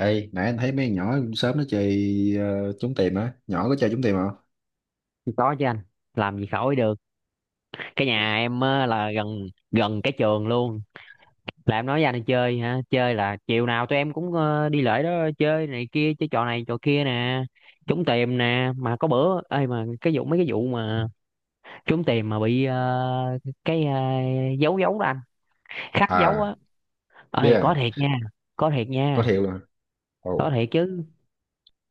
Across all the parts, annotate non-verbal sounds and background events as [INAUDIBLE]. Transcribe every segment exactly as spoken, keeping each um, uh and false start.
Ê, nãy anh thấy mấy con nhỏ sớm nó chơi ờ, trốn tìm á, nhỏ có chơi trốn tìm không? Có chứ anh, làm gì khỏi được. Cái nhà em á, là gần gần cái trường luôn. Là em nói với anh chơi hả, chơi là chiều nào tụi em cũng ờ, đi lễ đó. Chơi này kia, chơi trò này trò kia nè, trúng tiền nè, mà có bữa ơi mà cái vụ, mấy cái vụ mà trúng tiền mà bị ờ, cái ờ, dấu dấu đó anh, khắc dấu À, á. biết Ơi à, có thiệt nha, có thiệt có nha, thiệu luôn. có Ồ, thiệt chứ,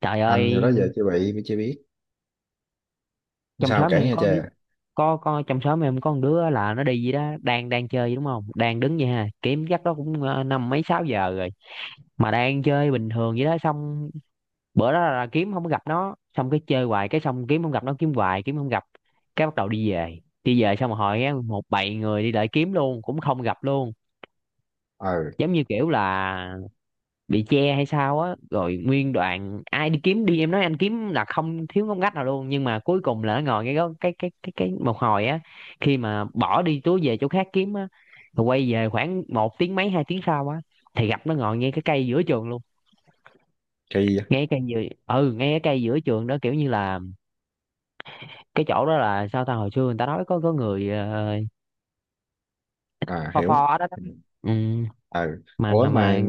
trời anh giờ ơi. đó giờ chưa bị mới chưa biết. Trong Sao xóm kể em nghe có, cha. có có trong xóm em có con đứa là nó đi gì đó, đang đang chơi đúng không, đang đứng vậy ha, kiếm chắc đó cũng ờ, năm mấy sáu giờ rồi, mà đang chơi bình thường vậy đó. Xong bữa đó là kiếm không có gặp nó, xong cái chơi hoài, cái xong kiếm không gặp nó, kiếm hoài kiếm không gặp. Cái bắt đầu đi về, đi về xong rồi hỏi á, một bầy người đi lại kiếm luôn cũng không gặp luôn. Ờ, Giống như kiểu là bị che hay sao á, rồi nguyên đoạn ai đi kiếm đi, em nói anh kiếm là không thiếu ngóc ngách nào luôn, nhưng mà cuối cùng là nó ngồi ngay đó. Cái cái cái cái một hồi á, khi mà bỏ đi túi về chỗ khác kiếm á, rồi quay về khoảng một tiếng mấy, hai tiếng sau á, thì gặp nó ngồi ngay cái cây giữa trường luôn. kỳ á. Ngay cái cây giữa, ừ, ngay cái cây giữa trường đó, kiểu như là cái chỗ đó là sao ta, hồi xưa người ta nói có có người ờ, À pho pho hiểu. ở đó Ừ. đó. Ừ, Ờ, mà ủa mà mà mà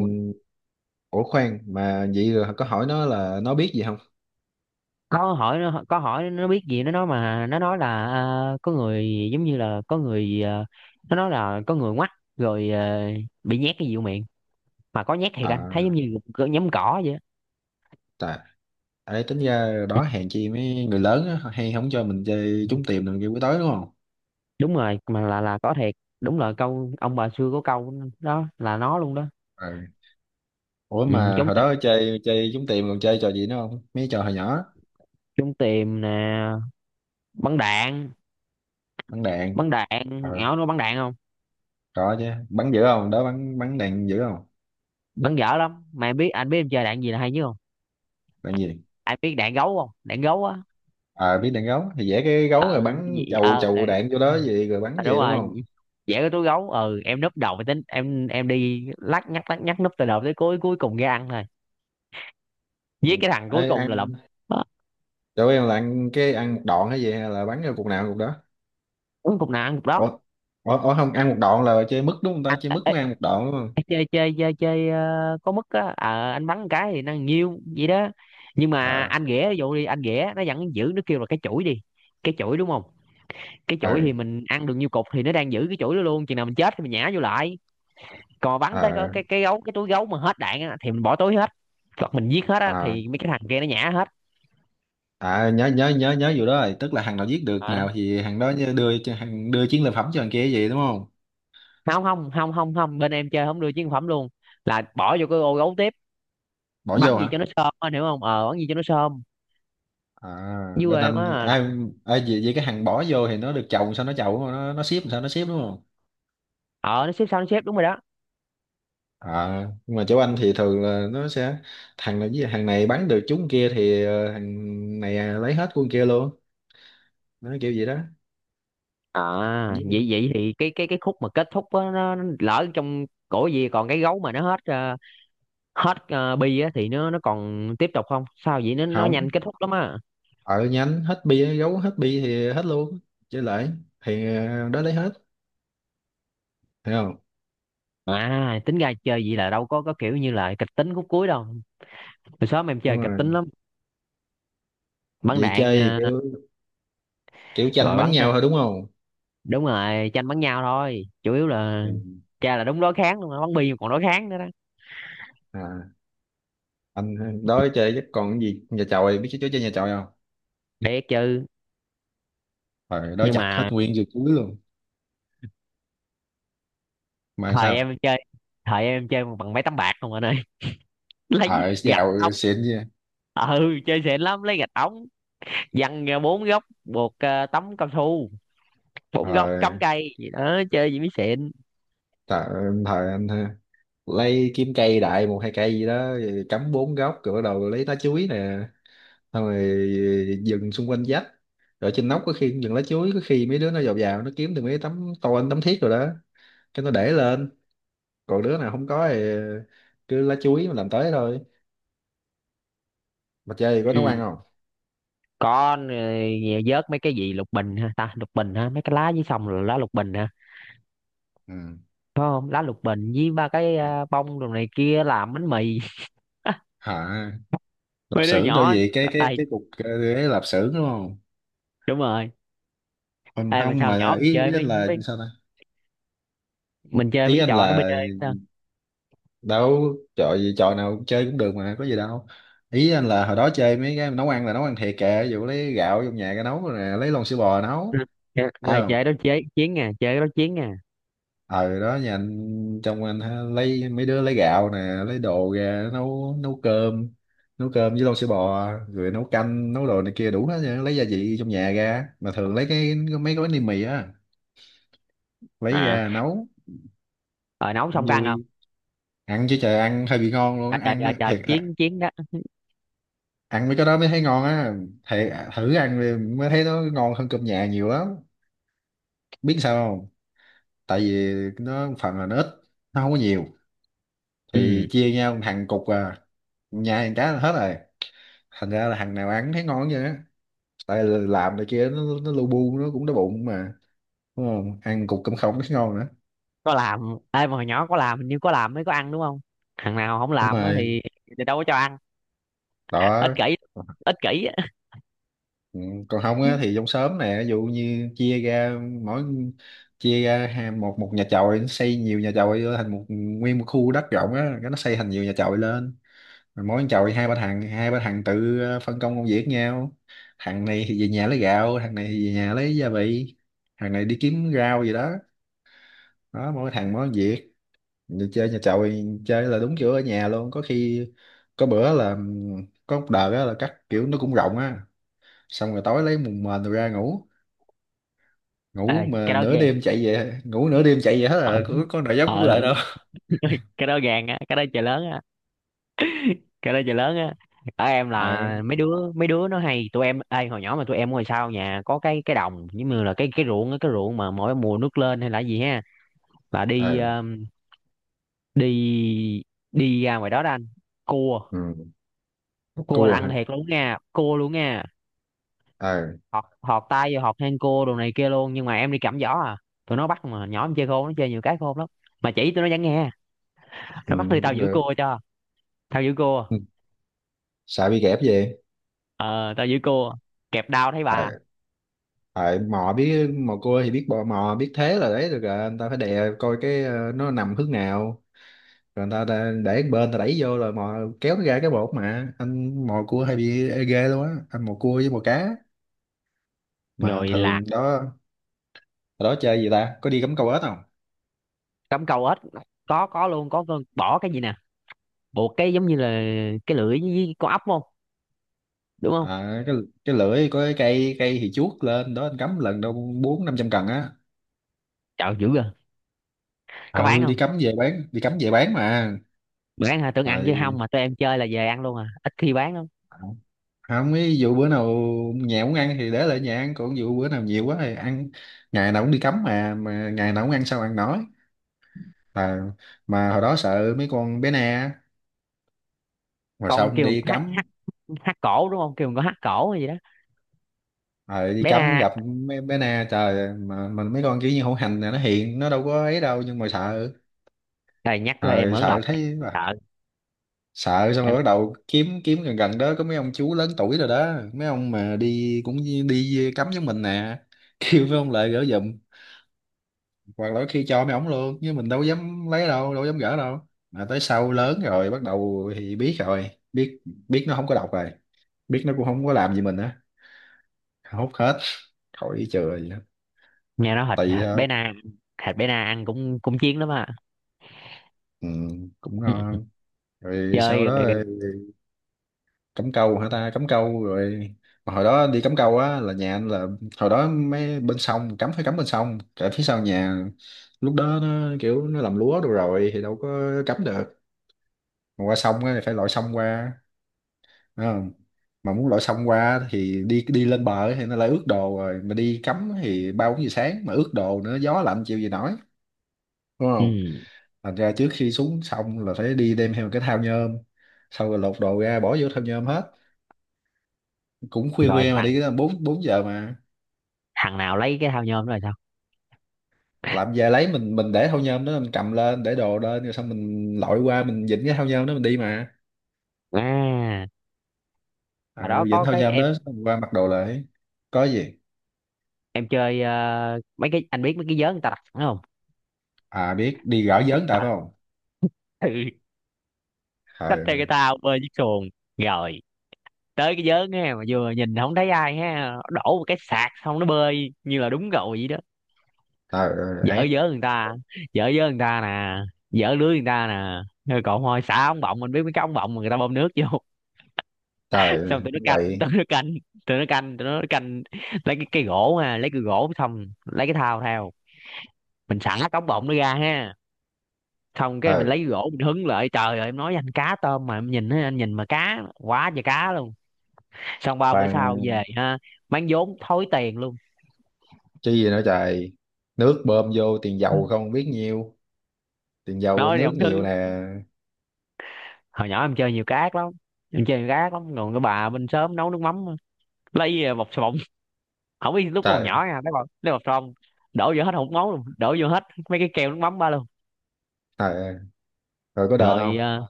ủa khoan mà vậy rồi có hỏi nó là nó biết gì không? Có hỏi nó, có hỏi nó biết gì, nó nói mà, nó nói là à, có người, giống như là có người à, nó nói là có người ngoắt rồi à, bị nhét cái gì vô miệng, mà có nhét thiệt, anh thấy giống À, như cỡ nhấm cỏ vậy á. tại ấy tính ra đó hèn chi mấy người lớn á, hay không cho mình chơi trốn tìm rồi kêu buổi tối đúng không? Đúng rồi, mà là là có thiệt. Đúng là câu ông bà xưa có câu, đó là nó luôn đó. Ủa Ừ, mà trốn hồi tìm, đó chơi chơi trúng tiền còn chơi trò gì nữa không mấy trò hồi nhỏ. trốn tìm nè, bắn đạn, Bắn đạn bắn ờ đạn. Ảo nó bắn đạn không? có chứ, bắn dữ không đó, bắn bắn đạn dữ không? Bắn dở lắm, mà em biết anh biết em chơi đạn gì là hay chứ không. Đạn gì Anh biết đạn gấu không, đạn gấu á. ờ biết đạn gấu thì vẽ cái gấu rồi bắn Gì chầu ờ, ờ. chầu đạn vô đó gì rồi bắn À, đúng gì đúng rồi, không? vẽ cái túi gấu, ừ em núp đầu mới tính, em em đi lắc nhắc lắc nhắc, núp từ đầu tới cuối, cuối cùng ra ăn thôi, giết Ừ. cái thằng Ê, cuối cùng là lụm. ăn Đó, chỗ em là ăn cái ăn một đoạn hay gì hay là bắn vô cục nào cục đó? cuối cùng nào ăn cục đó. Ủa, ủa, ủa không ăn một đoạn là chơi mứt đúng không ta? Chơi Ê, mứt mới ăn một đoạn đúng không? ê, chơi chơi chơi chơi ờ, có mức á. Ờ, anh bắn một cái thì nó nhiêu vậy đó, nhưng mà Ờ. anh ghẻ ví dụ đi, anh ghẻ nó vẫn giữ, nó kêu là cái chuỗi đi, cái chuỗi đúng không. Cái Ờ. chuỗi thì mình ăn được nhiêu cục thì nó đang giữ cái chuỗi đó luôn, chừng nào mình chết thì mình nhả vô lại. Còn bắn tới cái Ờ. cái, cái gấu, cái túi gấu mà hết đạn á, thì mình bỏ túi hết. Còn mình giết hết á, Ờ. thì mấy cái thằng kia nó nhả hết. À, nhớ nhớ nhớ nhớ vụ đó rồi, tức là hàng nào giết được Ờ, nào thì hàng đó nhớ đưa cho hàng, đưa chiến lợi phẩm cho hàng kia vậy đúng không? không không không không không bên em chơi không đưa chiến phẩm luôn, là bỏ vô cái ô gấu tiếp. Bỏ vô Bắn gì hả? cho nó sơm á, hiểu không, ờ, bắn gì cho nó sơm. À, Dưới quê bên em anh á là, ai? Ai vậy, vậy cái hàng bỏ vô thì nó được chồng sao nó chồng đúng không? nó nó ship sao nó ship đúng không? ờ nó xếp sao nó xếp, đúng rồi đó. À, nhưng mà chỗ anh thì thường là nó sẽ thằng này với hàng này bán được chúng kia thì ờ, hàng này à, lấy hết của con kia luôn. Nó kiểu vậy đó. À Giết vậy luôn. vậy thì cái cái cái khúc mà kết thúc á, nó, nó lỡ trong cổ gì, còn cái gấu mà nó hết ờ, hết ờ, bi á thì nó nó còn tiếp tục không, sao vậy, nó nó Không, nhanh kết thúc lắm á. ở nhánh hết bia gấu hết bia thì hết luôn, chơi lại thì ờ, đó lấy hết, hiểu không? À tính ra chơi vậy là đâu có có kiểu như là kịch tính khúc cuối đâu. Hồi xóm em chơi Đúng kịch rồi. tính lắm, bắn Vậy đạn chơi ờ, kiểu kiểu tranh rồi bắn bắn. nhau thôi đúng không? Đúng rồi, tranh bắn nhau thôi chủ yếu là, Ừ. cha là đúng đối kháng luôn á, bắn bi mà còn đối kháng nữa đó. À, anh đó chơi chắc còn cái gì nhà chòi, biết chơi chơi nhà chòi không? Để chứ. Rồi đó Nhưng chặt hết mà nguyên dưa chuối luôn. Mà thời sao? em chơi, thời em chơi bằng mấy tấm bạc không anh ơi, [LAUGHS] lấy Ờ, gạch ống. giàu xịn chứ. Ừ chơi xịn lắm, lấy gạch ống, văng ra bốn góc, buộc ờ, tấm cao su, bốn góc cắm Rồi, cây gì đó, chơi gì mới xịn. thời, thời anh ha, lấy kiếm cây đại một hai cây gì đó rồi cắm bốn góc rồi bắt đầu lấy lá chuối nè. Xong rồi dừng xung quanh vách. Rồi trên nóc có khi cũng dừng lá chuối, có khi mấy đứa nó vào vào nó kiếm được mấy tấm tôn tấm thiết rồi đó, cái nó để lên. Còn đứa nào không có thì cứ lá chuối mà làm tới thôi. Mà chơi thì có nấu ăn Ừ. không? Con rồi, vớt mấy cái gì, lục bình ha ta, lục bình ha, mấy cái lá dưới sông là lá lục bình ha, Ừ. phải không, lá lục bình với ba cái ờ, bông đồ này kia làm bánh mì. [LAUGHS] Hả? Lạp Mấy đứa xưởng đó nhỏ gì cái cái ai, cái cục ờ, ấy lạp xưởng đúng không? đúng rồi. Không, Ai mà không, sao nhỏ mà mình ý, chơi ý anh mấy là mấy sao ta. mình chơi với Ý cái anh trò nó bê là đê. Đó. đâu, trò gì trò nào cũng chơi cũng được mà có gì đâu. Ý anh là hồi đó chơi mấy cái nấu ăn là nấu ăn thiệt kìa, ví dụ lấy gạo trong nhà cái nấu rồi nè, lấy lon sữa bò Ừ. nấu, biết À, không? chơi đó chế chiến nè, chơi cái đó chiến nè. Ờ, đó nhà anh trong anh ha, lấy mấy đứa lấy gạo nè, lấy đồ ra nấu, nấu cơm, nấu cơm với lon sữa bò rồi nấu canh nấu đồ này kia đủ hết trơn, lấy gia vị trong nhà ra mà thường lấy cái mấy gói ni mì á lấy À ra nấu. rồi nấu Cũng xong có ăn không? vui. Ăn chứ trời, ăn hơi bị ngon luôn À, á. trời Ăn trời mới trời, thiệt à, chiến chiến đó. ăn mấy cái đó mới thấy ngon á. Thiệt à, thử ăn đi mới thấy nó ngon hơn cơm nhà nhiều lắm. Biết sao không? Tại vì nó phần là nó ít, nó không có nhiều Ừ, thì chia nhau thằng cục à, nhà thằng cá là hết rồi. Thành ra là thằng nào ăn thấy ngon vậy á, tại là làm này kia nó nó lu bu nó cũng đói bụng mà, đúng không? Ăn cục cơm không thấy ngon nữa. có làm. Ê mà hồi nhỏ có làm hình như, có làm mới có ăn đúng không, thằng nào không Đúng làm á rồi. thì, thì đâu có cho ăn. Ích Đó. kỷ, ích kỷ á. Ừ, còn không á thì [LAUGHS] trong xóm nè ví dụ như chia ra mỗi, chia ra ha- một một nhà chòi nó xây nhiều nhà chòi vô thành một nguyên một khu đất rộng á, cái nó xây thành nhiều nhà chòi lên. Rồi mỗi nhà chòi hai ba thằng, hai ba thằng tự ờ, phân công công việc nhau. Thằng này thì về nhà lấy gạo, thằng này thì về nhà lấy gia vị, thằng này đi kiếm rau gì đó. Đó mỗi thằng mỗi việc. Đi chơi nhà chậu chơi là đúng kiểu ở nhà luôn có khi. Có bữa là ừm, có một đợt á là cắt kiểu nó cũng rộng á. Xong rồi tối lấy mùng mền rồi ra ngủ. Ê Ngủ cái mà đó nửa ghê, đêm chạy về, ngủ nửa đêm chạy về hết ờ. là có, có nào dám cũng Ờ, lại đâu. cái đó gàn á, cái đó trời lớn á, cái đó trời lớn á. Ở em [LAUGHS] Ờ. là mấy đứa, mấy đứa nó hay tụi em, ê hồi nhỏ mà tụi em ngồi sau nhà có cái cái đồng giống như là cái cái ruộng á, cái ruộng mà mỗi mùa nước lên hay là gì ha, là đi Ờ. um, đi, đi ra ngoài đó đó anh, cua. Ừ. Cua là Cua ăn hả? thiệt luôn nha, cua luôn nha. Ờ. Họt họt tay vô, họt hang cua đồ này kia luôn, nhưng mà em đi cầm giỏ à. Tụi nó bắt mà nhỏ em chơi khôn, nó chơi nhiều cái khôn lắm, mà chỉ tụi nó vẫn nghe, Ừ, nó bắt đi, tao cũng giữ được. cua cho, tao giữ cua, Ừ. Sợ bị kẹp về. ờ tao giữ cua, kẹp đao thấy bà. Ờ. Ờ, mò biết mò cua thì biết bò mò biết thế là đấy được rồi, anh ta phải đè coi cái ờ, nó nằm hướng nào. Rồi người ta, ta để một bên ta đẩy vô rồi mò kéo nó ra, cái bột mà anh mò cua hay bị ê ghê luôn á, anh mò cua với mò cá mà Rồi lạc, thường đó. Hồi đó chơi gì ta, có đi cắm câu ếch không? cắm câu ếch, có có luôn, có con bỏ cái gì nè, buộc cái giống như là cái lưỡi với con ốc không, đúng không. À, cái cái lưỡi có cái cây cây thì chuốt lên đó anh cắm lần đâu bốn năm trăm cần á. Trời dữ rồi. Có bán Ừ, đi không? cắm về bán, đi cắm về bán mà. Bán hả, tưởng ăn chứ, không Rồi mà tụi em chơi là về ăn luôn à, ít khi bán lắm. không, ví dụ bữa nào nhà muốn ăn thì để lại nhà ăn, còn dụ bữa nào nhiều quá thì ăn. Ngày nào cũng đi cắm mà mà ngày nào cũng ăn sao ăn nói. À, mà hồi đó sợ mấy con bé nè, rồi Con xong kêu con đi hát cắm. hát, hát cổ đúng không, kêu con có hát cổ hay gì đó. Ờ, đi Bé cắm na, gặp mấy bé na, trời mà mình mấy con kiểu như hổ hành này nó hiền nó đâu có ấy đâu nhưng mà sợ. trời nhắc thôi em Ờ, ớn sợ lòng, thấy mà. sợ, Sợ xong em rồi bắt đầu kiếm, kiếm gần gần đó có mấy ông chú lớn tuổi rồi đó, mấy ông mà đi cũng như đi cắm với mình nè [LAUGHS] kêu mấy ông lại gỡ giùm. Hoặc là khi cho mấy ổng luôn, nhưng mình đâu dám lấy đâu, đâu dám gỡ đâu, mà tới sau lớn rồi bắt đầu thì biết rồi, biết biết nó không có độc rồi, biết nó cũng không có làm gì mình á, hút hết, khỏi chừa gì hết. nghe nói thịt, Tỳ thịt thôi. bé na, thịt bé na ăn cũng cũng chiến lắm à. Ừ, cũng Ừ. ngon. Rồi Chơi sau đó rồi. ờ, cắm câu hả ta, cắm câu rồi. Mà hồi đó đi cắm câu á là nhà anh là hồi đó mấy bên sông cắm phải cắm bên sông cả phía sau nhà, lúc đó nó kiểu nó làm lúa đồ rồi thì đâu có cắm được. Mà qua sông á thì phải lội sông qua, đúng không? Mà muốn lội sông qua thì đi đi lên bờ thì nó lại ướt đồ rồi, mà đi cắm thì ba bốn giờ sáng mà ướt đồ nữa gió lạnh chịu gì nổi. Đúng. Ừ. Thành ra trước khi xuống xong là phải đi đem theo một cái thao nhôm, xong rồi lột đồ ra bỏ vô thao nhôm hết. Cũng khuya Rồi khuya mà thằng, đi tới bốn bốn giờ mà. thằng nào lấy cái thao nhôm đó rồi sao? Làm về lấy mình mình để thao nhôm đó mình cầm lên để đồ lên rồi xong mình lội qua mình vịnh cái thao nhôm đó mình đi mà. À Ừ, hồi đó vịnh có thao cái nhôm em đó xong qua mặc đồ lại. Có gì? em chơi ờ, mấy cái, anh biết mấy cái vớ người ta đặt sẵn không. À, biết đi gõ vớn tại phải À, không? ừ, xách theo cái Trời. tao bơi chiếc xuồng, rồi tới cái vớ nghe, mà vừa nhìn không thấy ai ha, đổ một cái sạc xong nó bơi như là đúng rồi vậy đó. Trời Dở ơi, ác. dớ người ta, dở dớ người ta nè, dở lưới người ta nè. Rồi còn thôi xả ống bọng, mình biết mấy cái ống bọng mà người ta bơm nước vô, [LAUGHS] Trời. xong tụi nó canh, Quậy. tụi nó canh, tụi nó canh, tụi nó canh, lấy cái cây gỗ ha, lấy cái gỗ xong lấy cái thao theo, mình xả cái ống bọng nó ra ha, xong cái mình lấy Trời. cái gỗ mình hứng lại, trời ơi em nói với anh, cá tôm mà em nhìn á, anh nhìn mà cá quá trời cá luôn. Xong ba bữa sau về Toàn. ha, mang vốn thối tiền luôn. Chi gì nữa trời. Nước bơm vô tiền dầu không biết nhiêu, tiền dầu Nói thì nước ông Thư, nhiều nè. hồi nhỏ em chơi nhiều cá ác lắm, em chơi nhiều cá ác lắm. Còn cái bà bên xóm nấu nước mắm, lấy ờ, bọc xà bông, không biết, lúc còn Trời. nhỏ nha, lấy bọc, lấy bọc xà bông đổ vô hết, hột máu luôn đổ vô hết mấy cái keo nước mắm ba luôn. Ờ, rồi có đền Rồi không? ờ,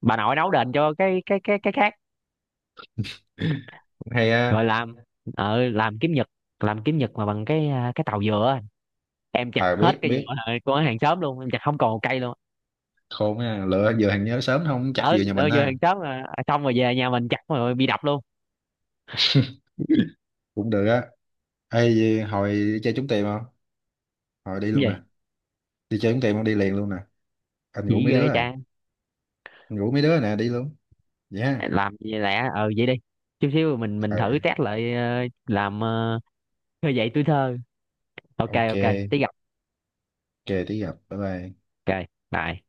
bà nội nấu đền cho cái cái cái cái khác. [CLEARS THROAT] Cũng hay á. Rồi làm, ờ làm kiếm nhật, làm kiếm nhật mà bằng cái à, cái tàu dừa á. Em chặt À, hết biết cây dừa biết. ờ, của hàng xóm luôn, em chặt không còn một cây luôn. Khôn á, lựa giờ thằng nhớ sớm không chắc Ở vừa nhà lỡ mình dừa ha. hàng xóm mà, xong rồi về nhà mình chặt rồi bị đập luôn. Cũng được á. Ê gì, hồi đi chơi trúng tiền không? Hồi đi Cái luôn nè. gì? Đi chơi trúng tiền không đi liền luôn nè. Anh ngủ Chỉ mấy đứa ghê rồi. cha. Anh ngủ mấy đứa rồi nè, đi luôn. Vậy ha? Làm gì lẹ, ờ vậy đi, chút xíu mình mình Ờ, thử test lại ờ, làm ờ, khơi dậy tuổi thơ. Ok ok ok tí gặp. ok tí gặp bye bye. Ok, bye.